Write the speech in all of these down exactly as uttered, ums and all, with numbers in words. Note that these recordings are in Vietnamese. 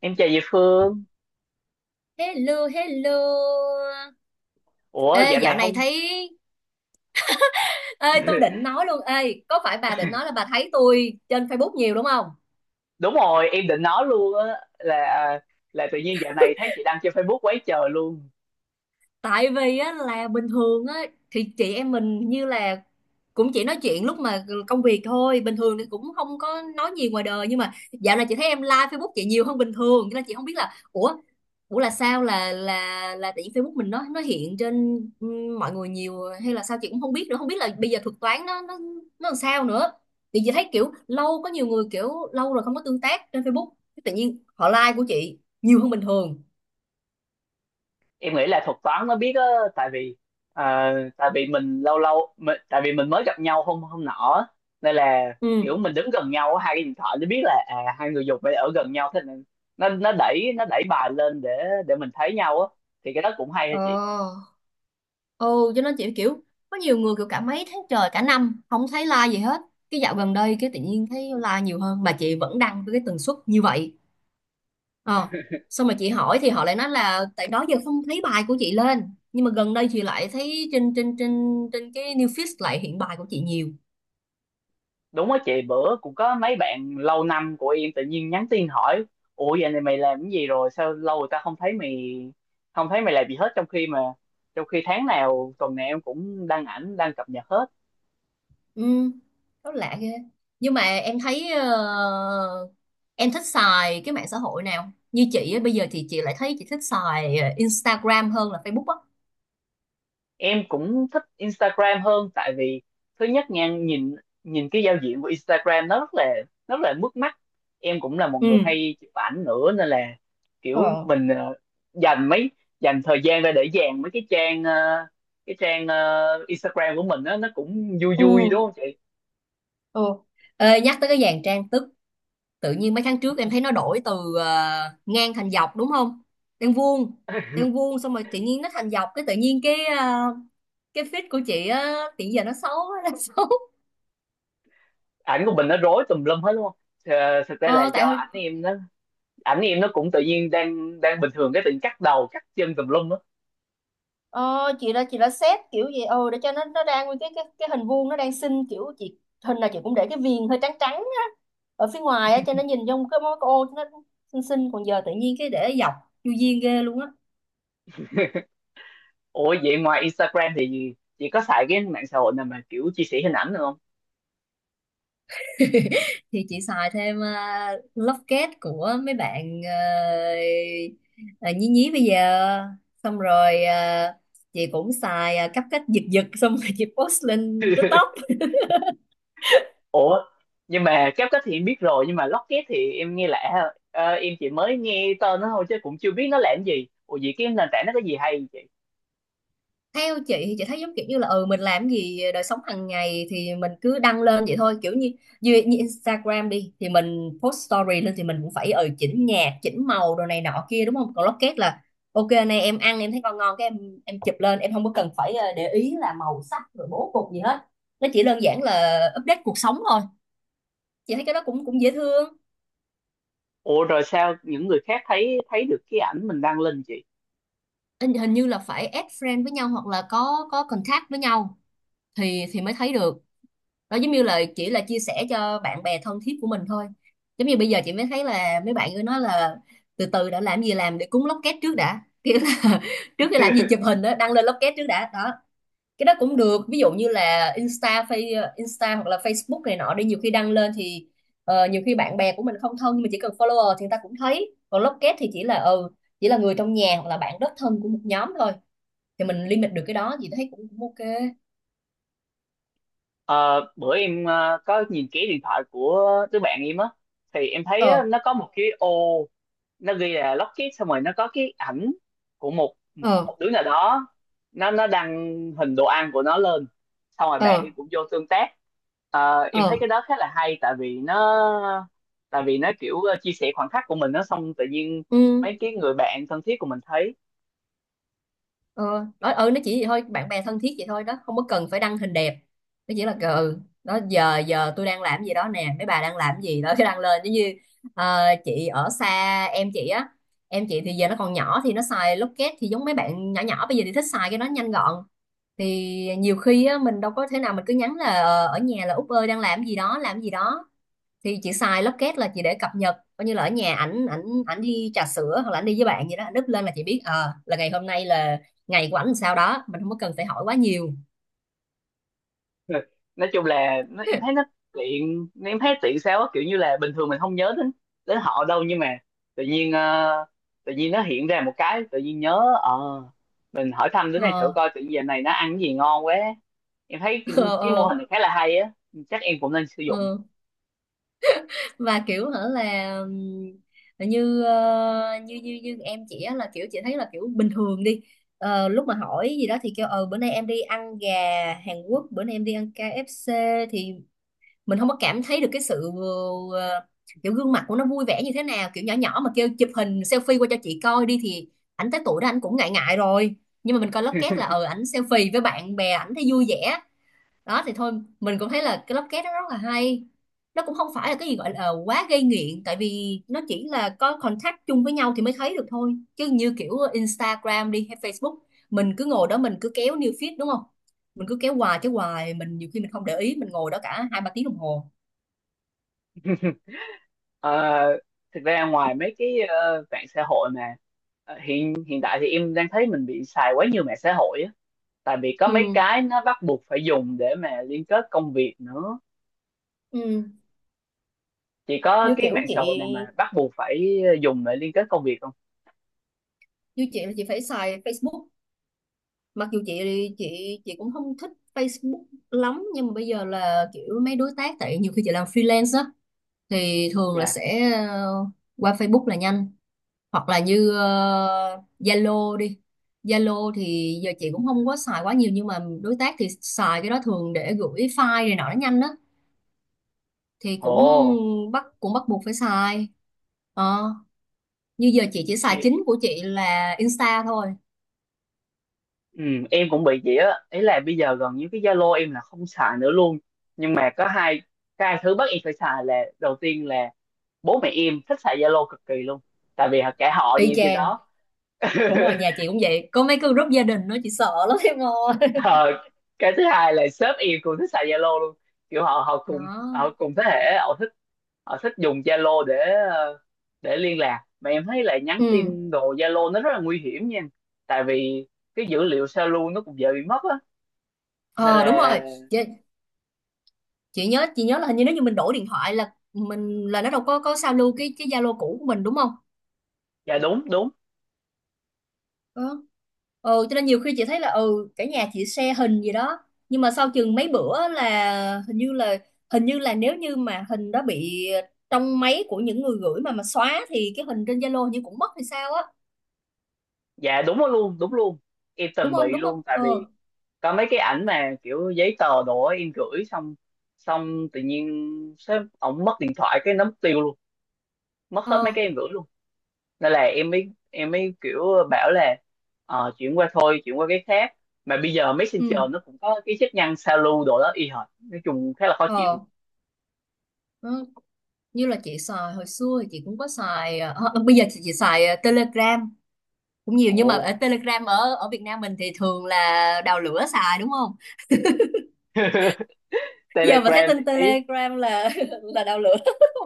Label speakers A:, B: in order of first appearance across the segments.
A: Em chào chị Phương.
B: Hello, hello.
A: Ủa,
B: Ê,
A: dạo
B: dạo
A: này
B: này
A: không...
B: thấy... Ê, tôi định nói luôn. Ê, có phải bà định nói là bà thấy tôi trên Facebook nhiều đúng không?
A: Đúng rồi, em định nói luôn á, là à, là tự nhiên dạo này thấy chị đăng trên Facebook quá trời luôn.
B: Tại vì á, là bình thường á, thì chị em mình như là cũng chỉ nói chuyện lúc mà công việc thôi, bình thường thì cũng không có nói nhiều ngoài đời, nhưng mà dạo này chị thấy em like Facebook chị nhiều hơn bình thường, cho nên chị không biết là ủa ủa là sao, là là là tại vì Facebook mình nó nó hiện trên ừ, mọi người nhiều hay là sao chị cũng không biết nữa, không biết là bây giờ thuật toán nó nó nó làm sao nữa. Thì chị thấy kiểu lâu, có nhiều người kiểu lâu rồi không có tương tác trên Facebook, tự nhiên họ like của chị nhiều hơn bình thường.
A: Em nghĩ là thuật toán nó biết á, tại vì à, tại vì mình lâu lâu mình, tại vì mình mới gặp nhau hôm hôm nọ á. Nên là kiểu
B: Ừ.
A: mình đứng gần nhau á, hai cái điện thoại nó biết là à, hai người dùng phải ở gần nhau, thế nên nó nó đẩy nó đẩy bài lên để để mình thấy nhau á. Thì cái đó cũng hay hả?
B: Ờ. Ừ, cho nên chị kiểu có nhiều người kiểu cả mấy tháng trời, cả năm không thấy like gì hết, cái dạo gần đây cái tự nhiên thấy like nhiều hơn mà chị vẫn đăng với cái tần suất như vậy. Ờ, xong mà chị hỏi thì họ lại nói là tại đó giờ không thấy bài của chị lên, nhưng mà gần đây chị lại thấy trên trên trên trên cái new feed lại hiện bài của chị nhiều.
A: Đúng á chị, bữa cũng có mấy bạn lâu năm của em tự nhiên nhắn tin hỏi ủa vậy này mày làm cái gì rồi sao lâu người ta không thấy mày, không thấy mày làm gì hết, trong khi mà trong khi tháng nào tuần nào em cũng đăng ảnh đăng cập nhật hết.
B: Ừ, rất lạ ghê. Nhưng mà em thấy ờ, em thích xài cái mạng xã hội nào? Như chị á, bây giờ thì chị lại thấy chị thích xài ờ, Instagram hơn là Facebook á.
A: Em cũng thích Instagram hơn, tại vì thứ nhất nha, nhìn nhìn cái giao diện của Instagram nó rất là rất là mướt mắt, em cũng là một
B: Ừ.
A: người hay chụp ảnh nữa nên là kiểu
B: Ờ.
A: mình ờ, dành mấy dành thời gian ra để dàn mấy cái trang ờ, cái trang ờ, Instagram của mình á nó cũng vui vui
B: Ừ.
A: đúng không chị?
B: Ừ. Ê, nhắc tới cái dàn trang sức, tự nhiên mấy tháng trước em thấy nó đổi từ ờ, ngang thành dọc đúng không? Đang vuông, đang vuông xong rồi tự nhiên nó thành dọc, cái tự nhiên cái ờ, cái feed của chị á, hiện giờ nó xấu, nó xấu.
A: Ảnh của mình nó rối tùm lum hết đúng không? Ờ, thực ra là
B: Ờ,
A: do
B: tại
A: ảnh em nó ảnh em nó cũng tự nhiên đang đang bình thường cái tự nhiên cắt đầu cắt chân tùm lum á.
B: Ờ, chị đã chị đã xét kiểu gì ừ để cho nó nó đang nguyên cái cái cái hình vuông nó đang xinh, kiểu chị hình nào chị cũng để cái viền hơi trắng trắng á ở phía ngoài á cho nó nhìn trong cái mối cái ô nó xinh xinh, còn giờ tự nhiên cái để dọc chu duyên ghê luôn á.
A: Ủa vậy ngoài Instagram thì chị có xài cái mạng xã hội nào mà kiểu chia sẻ hình ảnh được không?
B: Thì chị xài thêm uh, locket của mấy bạn ờ, ờ, nhí nhí bây giờ, xong rồi ờ, chị cũng xài ờ, cắp cách giật giật xong rồi chị post lên TikTok.
A: Ủa, nhưng mà CapCut thì em biết rồi, nhưng mà Locket thì em nghe lạ ha. Ờ, em chỉ mới nghe tên nó thôi chứ cũng chưa biết nó làm gì. Ủa vậy cái nền tảng nó có gì hay vậy chị?
B: Theo chị thì chị thấy giống kiểu như là ừ mình làm gì đời sống hàng ngày thì mình cứ đăng lên vậy thôi, kiểu như như, như Instagram đi thì mình post story lên thì mình cũng phải ừ chỉnh nhạc chỉnh màu đồ này nọ kia đúng không, còn Locket là ok này em ăn em thấy ngon ngon cái em em chụp lên, em không có cần phải ờ, để ý là màu sắc rồi bố cục gì hết, nó chỉ đơn giản là update cuộc sống thôi. Chị thấy cái đó cũng cũng dễ thương.
A: Ủa rồi sao những người khác thấy, thấy được cái ảnh mình đăng lên chị?
B: Hình hình như là phải add friend với nhau hoặc là có có contact với nhau thì thì mới thấy được, đó giống như là chỉ là chia sẻ cho bạn bè thân thiết của mình thôi. Giống như bây giờ chị mới thấy là mấy bạn cứ nói là từ từ đã, làm gì làm để cúng lốc két trước đã, kiểu là trước khi làm gì chụp hình đó đăng lên lốc két trước đã đó. Cái đó cũng được, ví dụ như là Insta Face Insta hoặc là Facebook này nọ đi, nhiều khi đăng lên thì ờ, nhiều khi bạn bè của mình không thân nhưng mà chỉ cần follower thì người ta cũng thấy, còn lốc két thì chỉ là ừ chỉ là người trong nhà hoặc là bạn rất thân của một nhóm thôi, thì mình limit được cái đó thì thấy cũng, cũng ok.
A: Ờ, bữa em ờ, có nhìn kỹ điện thoại của đứa bạn em á, thì em thấy á,
B: Ờ.
A: nó có một cái ô, nó ghi là Lockheed, xong rồi nó có cái ảnh của một của
B: Ờ.
A: một đứa nào đó, nó nó đăng hình đồ ăn của nó lên, xong rồi bạn
B: Ờ.
A: em cũng vô tương tác. Ờ, em thấy
B: Ờ.
A: cái đó khá là hay, tại vì nó tại vì nó kiểu ờ, chia sẻ khoảnh khắc của mình, nó xong tự nhiên
B: Ừ.
A: mấy cái người bạn thân thiết của mình thấy.
B: Ờ đó, ừ nó chỉ vậy thôi, bạn bè thân thiết vậy thôi đó, không có cần phải đăng hình đẹp, nó chỉ là "Ờ, ừ đó giờ giờ tôi đang làm gì đó nè, mấy bà đang làm gì đó", cái đăng lên giống như ờ, chị ở xa em chị á, em chị thì giờ nó còn nhỏ thì nó xài Locket, thì giống mấy bạn nhỏ nhỏ bây giờ thì thích xài cái đó nhanh gọn thì nhiều khi á, mình đâu có thể nào mình cứ nhắn là ờ, ở nhà là Út ơi đang làm gì đó làm gì đó, thì chị xài Locket là chị để cập nhật, coi như là ở nhà ảnh, ảnh ảnh đi trà sữa hoặc là ảnh đi với bạn gì đó, ảnh up lên là chị biết ờ là ngày hôm nay là ngày của ảnh làm sao đó, mình không có cần phải hỏi quá nhiều.
A: Nói chung là nó, em thấy nó tiện, em thấy tiện sao á, kiểu như là bình thường mình không nhớ đến đến họ đâu, nhưng mà tự nhiên ờ, tự nhiên nó hiện ra một cái tự nhiên nhớ, ờ, mình hỏi thăm đứa này thử
B: Ờ.
A: coi, tự nhiên giờ này nó ăn cái gì ngon quá. Em thấy cái,
B: Ờ.
A: cái mô
B: Ờ.
A: hình này khá là hay á, chắc em cũng nên sử dụng.
B: Ờ. Và kiểu hả là ừm, như ờ, như như như em chị á, là kiểu chị thấy là kiểu bình thường đi Ờ, lúc mà hỏi gì đó thì kêu ờ bữa nay em đi ăn gà Hàn Quốc, bữa nay em đi ăn ca ép xê, thì mình không có cảm thấy được cái sự ờ, kiểu gương mặt của nó vui vẻ như thế nào, kiểu nhỏ nhỏ mà kêu chụp hình selfie qua cho chị coi đi thì ảnh tới tuổi đó ảnh cũng ngại ngại rồi, nhưng mà mình coi lóc két là ờ ảnh selfie với bạn bè ảnh thấy vui vẻ đó thì thôi, mình cũng thấy là cái lóc két đó rất là hay. Nó cũng không phải là cái gì gọi là ờ, quá gây nghiện, tại vì nó chỉ là có contact chung với nhau thì mới thấy được thôi, chứ như kiểu Instagram đi hay Facebook mình cứ ngồi đó mình cứ kéo new feed đúng không, mình cứ kéo hoài kéo hoài mình nhiều khi mình không để ý mình ngồi đó cả hai ba tiếng đồng hồ.
A: Ờ, thực ra ngoài mấy cái ờ, mạng xã hội mà ờ, hiện hiện tại thì em đang thấy mình bị xài quá nhiều mạng xã hội á, tại vì có mấy
B: Ừ.
A: cái nó bắt buộc phải dùng để mà liên kết công việc nữa.
B: Ừ.
A: Chị có
B: Như
A: cái
B: kiểu
A: mạng xã hội
B: chị,
A: nào mà bắt buộc phải ờ, dùng để liên kết công việc không?
B: như chị là chị phải xài Facebook, mặc dù chị chị chị cũng không thích Facebook lắm, nhưng mà bây giờ là kiểu mấy đối tác tại nhiều khi chị làm freelance á thì thường là
A: Dạ.
B: sẽ ờ, qua Facebook là nhanh, hoặc là như ờ, Zalo đi, Zalo thì giờ chị cũng không có xài quá nhiều nhưng mà đối tác thì xài cái đó thường để gửi file này nọ nó nhanh á, thì cũng
A: Ồ.
B: bắt cũng bắt buộc phải xài. Ờ, như giờ chị chỉ xài
A: Thì
B: chính của chị là Insta thôi.
A: ừ, em cũng bị vậy á, ý là bây giờ gần như cái Zalo em là không xài nữa luôn, nhưng mà có hai cái hai thứ bắt em phải xài là đầu tiên là bố mẹ em thích xài Zalo cực kỳ luôn, tại vì cả họ nhà
B: Y
A: em trên
B: chang.
A: đó.
B: Đúng rồi, nhà chị cũng vậy, có mấy cái group gia đình nó chị sợ lắm em ơi.
A: Ờ, cái thứ hai là sếp em cũng thích xài Zalo luôn, kiểu họ họ cùng
B: Đó.
A: họ cùng thế hệ, họ thích họ thích dùng Zalo để ờ, để liên lạc, mà em thấy là nhắn
B: Ừ.
A: tin đồ Zalo nó rất là nguy hiểm nha, tại vì cái dữ liệu sao lưu nó cũng dễ bị mất á, nên
B: Ờ đúng
A: là...
B: rồi, chị, chị nhớ chị nhớ là hình như nếu như mình đổi điện thoại là mình là nó đâu có có sao lưu cái cái Zalo cũ của mình đúng không?
A: Dạ đúng đúng.
B: Đó. Ừ, cho nên nhiều khi chị thấy là ừ cả nhà chị share hình gì đó nhưng mà sau chừng mấy bữa là hình như là hình như là nếu như mà hình đó bị trong máy của những người gửi mà mà xóa thì cái hình trên Zalo hình như cũng mất hay sao á.
A: Dạ đúng đó luôn, đúng luôn. Em
B: đúng
A: từng
B: không
A: bị
B: đúng không
A: luôn, tại vì
B: Ờ.
A: có mấy cái ảnh mà kiểu giấy tờ đồ á, em gửi xong xong tự nhiên sếp ổng mất điện thoại cái nó mất tiêu luôn, mất hết mấy
B: Ờ.
A: cái em gửi luôn. Nên là em mới em mới kiểu bảo là ờ, chuyển qua thôi, chuyển qua cái khác, mà bây giờ Messenger
B: Ừ.
A: nó cũng có cái chức năng sao lưu đồ đó y hệt, nói chung khá là khó
B: Ờ.
A: chịu.
B: Nó như là chị xài hồi xưa thì chị cũng có xài ờ, ờ, ờ, bây giờ thì chị xài ờ, Telegram cũng nhiều, nhưng mà ở
A: Ồ.
B: Telegram ở ở Việt Nam mình thì thường là đào lửa xài đúng không. Giờ mà thấy
A: Telegram
B: tin
A: ý?
B: Telegram là là đào lửa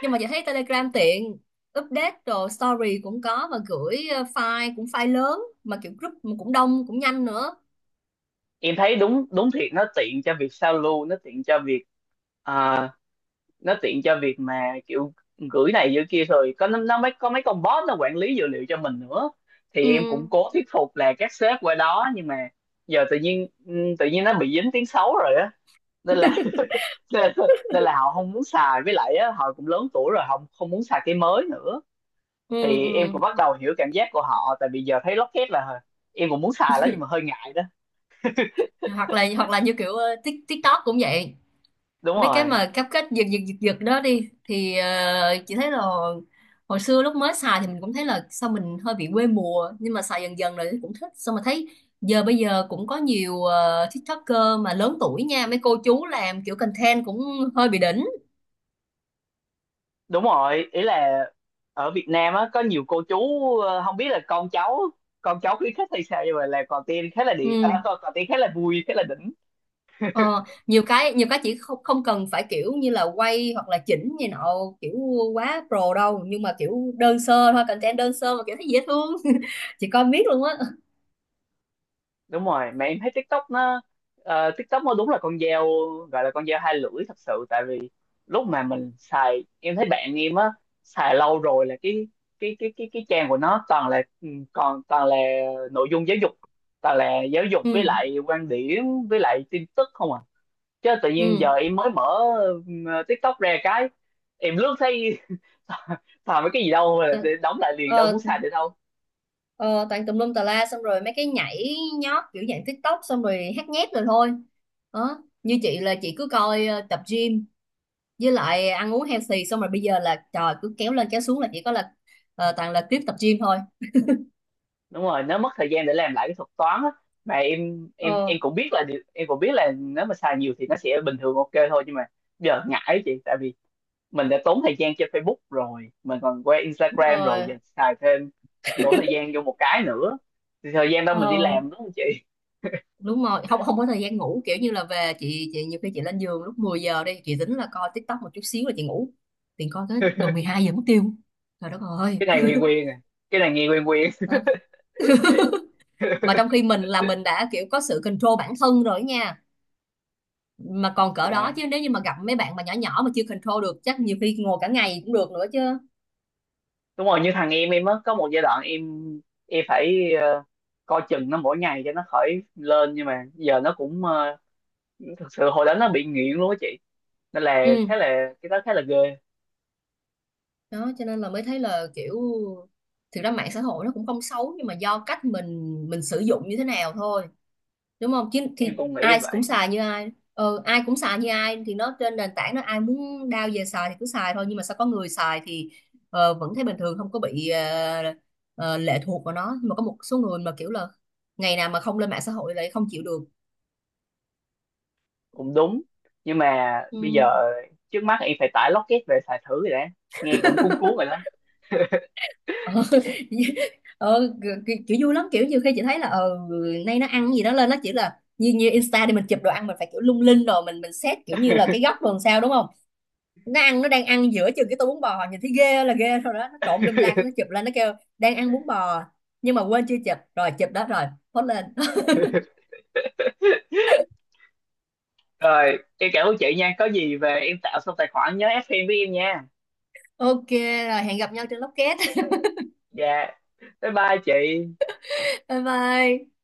B: nhưng mà chị thấy Telegram tiện update rồi story cũng có, và gửi ờ, file cũng file lớn mà kiểu group mà cũng đông cũng nhanh nữa.
A: Em thấy đúng đúng thiệt, nó tiện cho việc sao lưu, nó tiện cho việc à, nó tiện cho việc mà kiểu gửi này gửi kia, rồi có nó, nó mới có mấy con bot nó quản lý dữ liệu cho mình nữa,
B: Ừ.
A: thì em cũng cố thuyết phục là các sếp qua đó, nhưng mà giờ tự nhiên ừ, tự nhiên nó bị dính tiếng xấu rồi á, nên là nên, nên là họ không muốn xài, với lại á, họ cũng lớn tuổi rồi họ không muốn xài cái mới nữa.
B: Ừ.
A: Thì em
B: Ừ.
A: cũng bắt đầu hiểu cảm giác của họ, tại vì giờ thấy Locket là em cũng muốn xài lắm nhưng mà hơi ngại đó.
B: hoặc là hoặc là như kiểu ờ, Tik- TikTok cũng vậy,
A: Đúng
B: mấy cái
A: rồi.
B: mà cáp cách giật giật giật giật đó đi thì ờ, chị thấy là hồi xưa lúc mới xài thì mình cũng thấy là sao mình hơi bị quê mùa, nhưng mà xài dần dần rồi thì cũng thích, xong mà thấy giờ bây giờ cũng có nhiều ờ, TikToker mà lớn tuổi nha, mấy cô chú làm kiểu content cũng hơi bị đỉnh.
A: Đúng rồi, ý là ở Việt Nam á có nhiều cô chú ờ, không biết là con cháu con cháu khuyến khích hay sao, nhưng mà là còn tiên khá là điện à,
B: Ừ.
A: còn, còn tiên khá là vui khá là đỉnh.
B: Ờ, nhiều cái nhiều cái chỉ không không cần phải kiểu như là quay hoặc là chỉnh như nọ kiểu quá pro đâu, nhưng mà kiểu đơn sơ thôi, content đơn sơ mà kiểu thấy dễ thương. Chị coi miết luôn á.
A: Đúng rồi, mà em thấy TikTok nó ờ, TikTok nó đúng là con dao, gọi là con dao hai lưỡi thật sự, tại vì lúc mà mình xài em thấy bạn em á xài lâu rồi là cái cái cái cái cái trang của nó toàn là ừ, còn toàn là nội dung giáo dục, toàn là giáo dục
B: Ừ.
A: với lại quan điểm với lại tin tức không à, chứ tự nhiên
B: Ừ.
A: giờ em mới mở ừ, TikTok ra cái em lướt thấy toàn mấy cái gì đâu mà
B: Ờ,
A: để đóng lại liền, đâu muốn
B: ờ,
A: xài được đâu.
B: Ờ, toàn tùm lum tà la, xong rồi mấy cái nhảy nhót kiểu dạng TikTok xong rồi hát nhép rồi thôi đó. Như chị là chị cứ coi ờ, tập gym với lại ăn uống healthy, xong rồi bây giờ là trời cứ kéo lên kéo xuống là chỉ có là ờ, toàn là clip tập gym thôi.
A: Đúng rồi, nó mất thời gian để làm lại cái thuật toán á, mà em em
B: Ờ
A: em cũng biết là điều- em cũng biết là nếu mà xài nhiều thì nó sẽ bình thường ok thôi, nhưng mà giờ ngại chị, tại vì mình đã tốn thời gian trên Facebook rồi, mình còn qua
B: đúng
A: Instagram rồi,
B: rồi.
A: giờ xài thêm đổ thời gian vô một cái nữa, thì thời gian đó mình đi
B: Ờ
A: làm đúng không chị?
B: đúng rồi, không không có thời gian ngủ, kiểu như là về chị chị nhiều khi chị lên giường lúc mười giờ đi, chị tính là coi TikTok một chút xíu là chị ngủ, thì coi tới gần mười hai giờ mất tiêu. Trời đất ơi.
A: Cái này quen quen à, cái này nghe quen quen.
B: Đó. Mà trong khi mình là mình đã kiểu có sự control bản thân rồi nha, mà còn cỡ đó, chứ
A: Dạ
B: nếu như mà gặp mấy bạn mà nhỏ nhỏ mà chưa control được chắc nhiều khi ngồi cả ngày cũng được nữa chứ.
A: đúng rồi, như thằng em em á có một giai đoạn em em phải ờ, coi chừng nó mỗi ngày cho nó khỏi lên, nhưng mà giờ nó cũng ờ, thực sự hồi đó nó bị nghiện luôn á chị, nên là
B: Ừ
A: khá là cái đó khá là ghê.
B: đó, cho nên là mới thấy là kiểu thực ra mạng xã hội nó cũng không xấu, nhưng mà do cách mình mình sử dụng như thế nào thôi, đúng không chứ
A: Em
B: thì
A: cũng nghĩ
B: ai cũng
A: vậy.
B: xài như ai. Ừ, ai cũng xài như ai thì nó trên nền tảng nó, ai muốn đao về xài thì cứ xài thôi, nhưng mà sao có người xài thì ờ, vẫn thấy bình thường không có bị ờ, ờ, lệ thuộc vào nó, nhưng mà có một số người mà kiểu là ngày nào mà không lên mạng xã hội lại không chịu được.
A: Cũng đúng, nhưng mà bây giờ
B: ừ,
A: trước mắt em phải tải Locket về xài thử rồi đã, nghe cũng cuốn cuốn rồi đó.
B: ờ, ờ, kiểu, kiểu vui lắm, kiểu nhiều khi chị thấy là ờ nay nó ăn cái gì đó lên, nó chỉ là như như Insta đi mình chụp đồ ăn mình phải kiểu lung linh rồi mình mình xét kiểu như là cái góc rồi làm sao đúng không, nó ăn nó đang ăn giữa chừng cái tô bún bò nhìn thấy ghê là ghê rồi đó, nó trộn lum la cái nó chụp lên nó kêu đang ăn bún bò, nhưng mà quên chưa chụp, rồi chụp đó rồi post lên.
A: Rồi em cảm ơn chị nha, có gì về em tạo xong tài khoản nhớ ép em với em nha.
B: Ok, rồi hẹn gặp nhau trên Locket.
A: Dạ, bye bye chị.
B: Bye bye.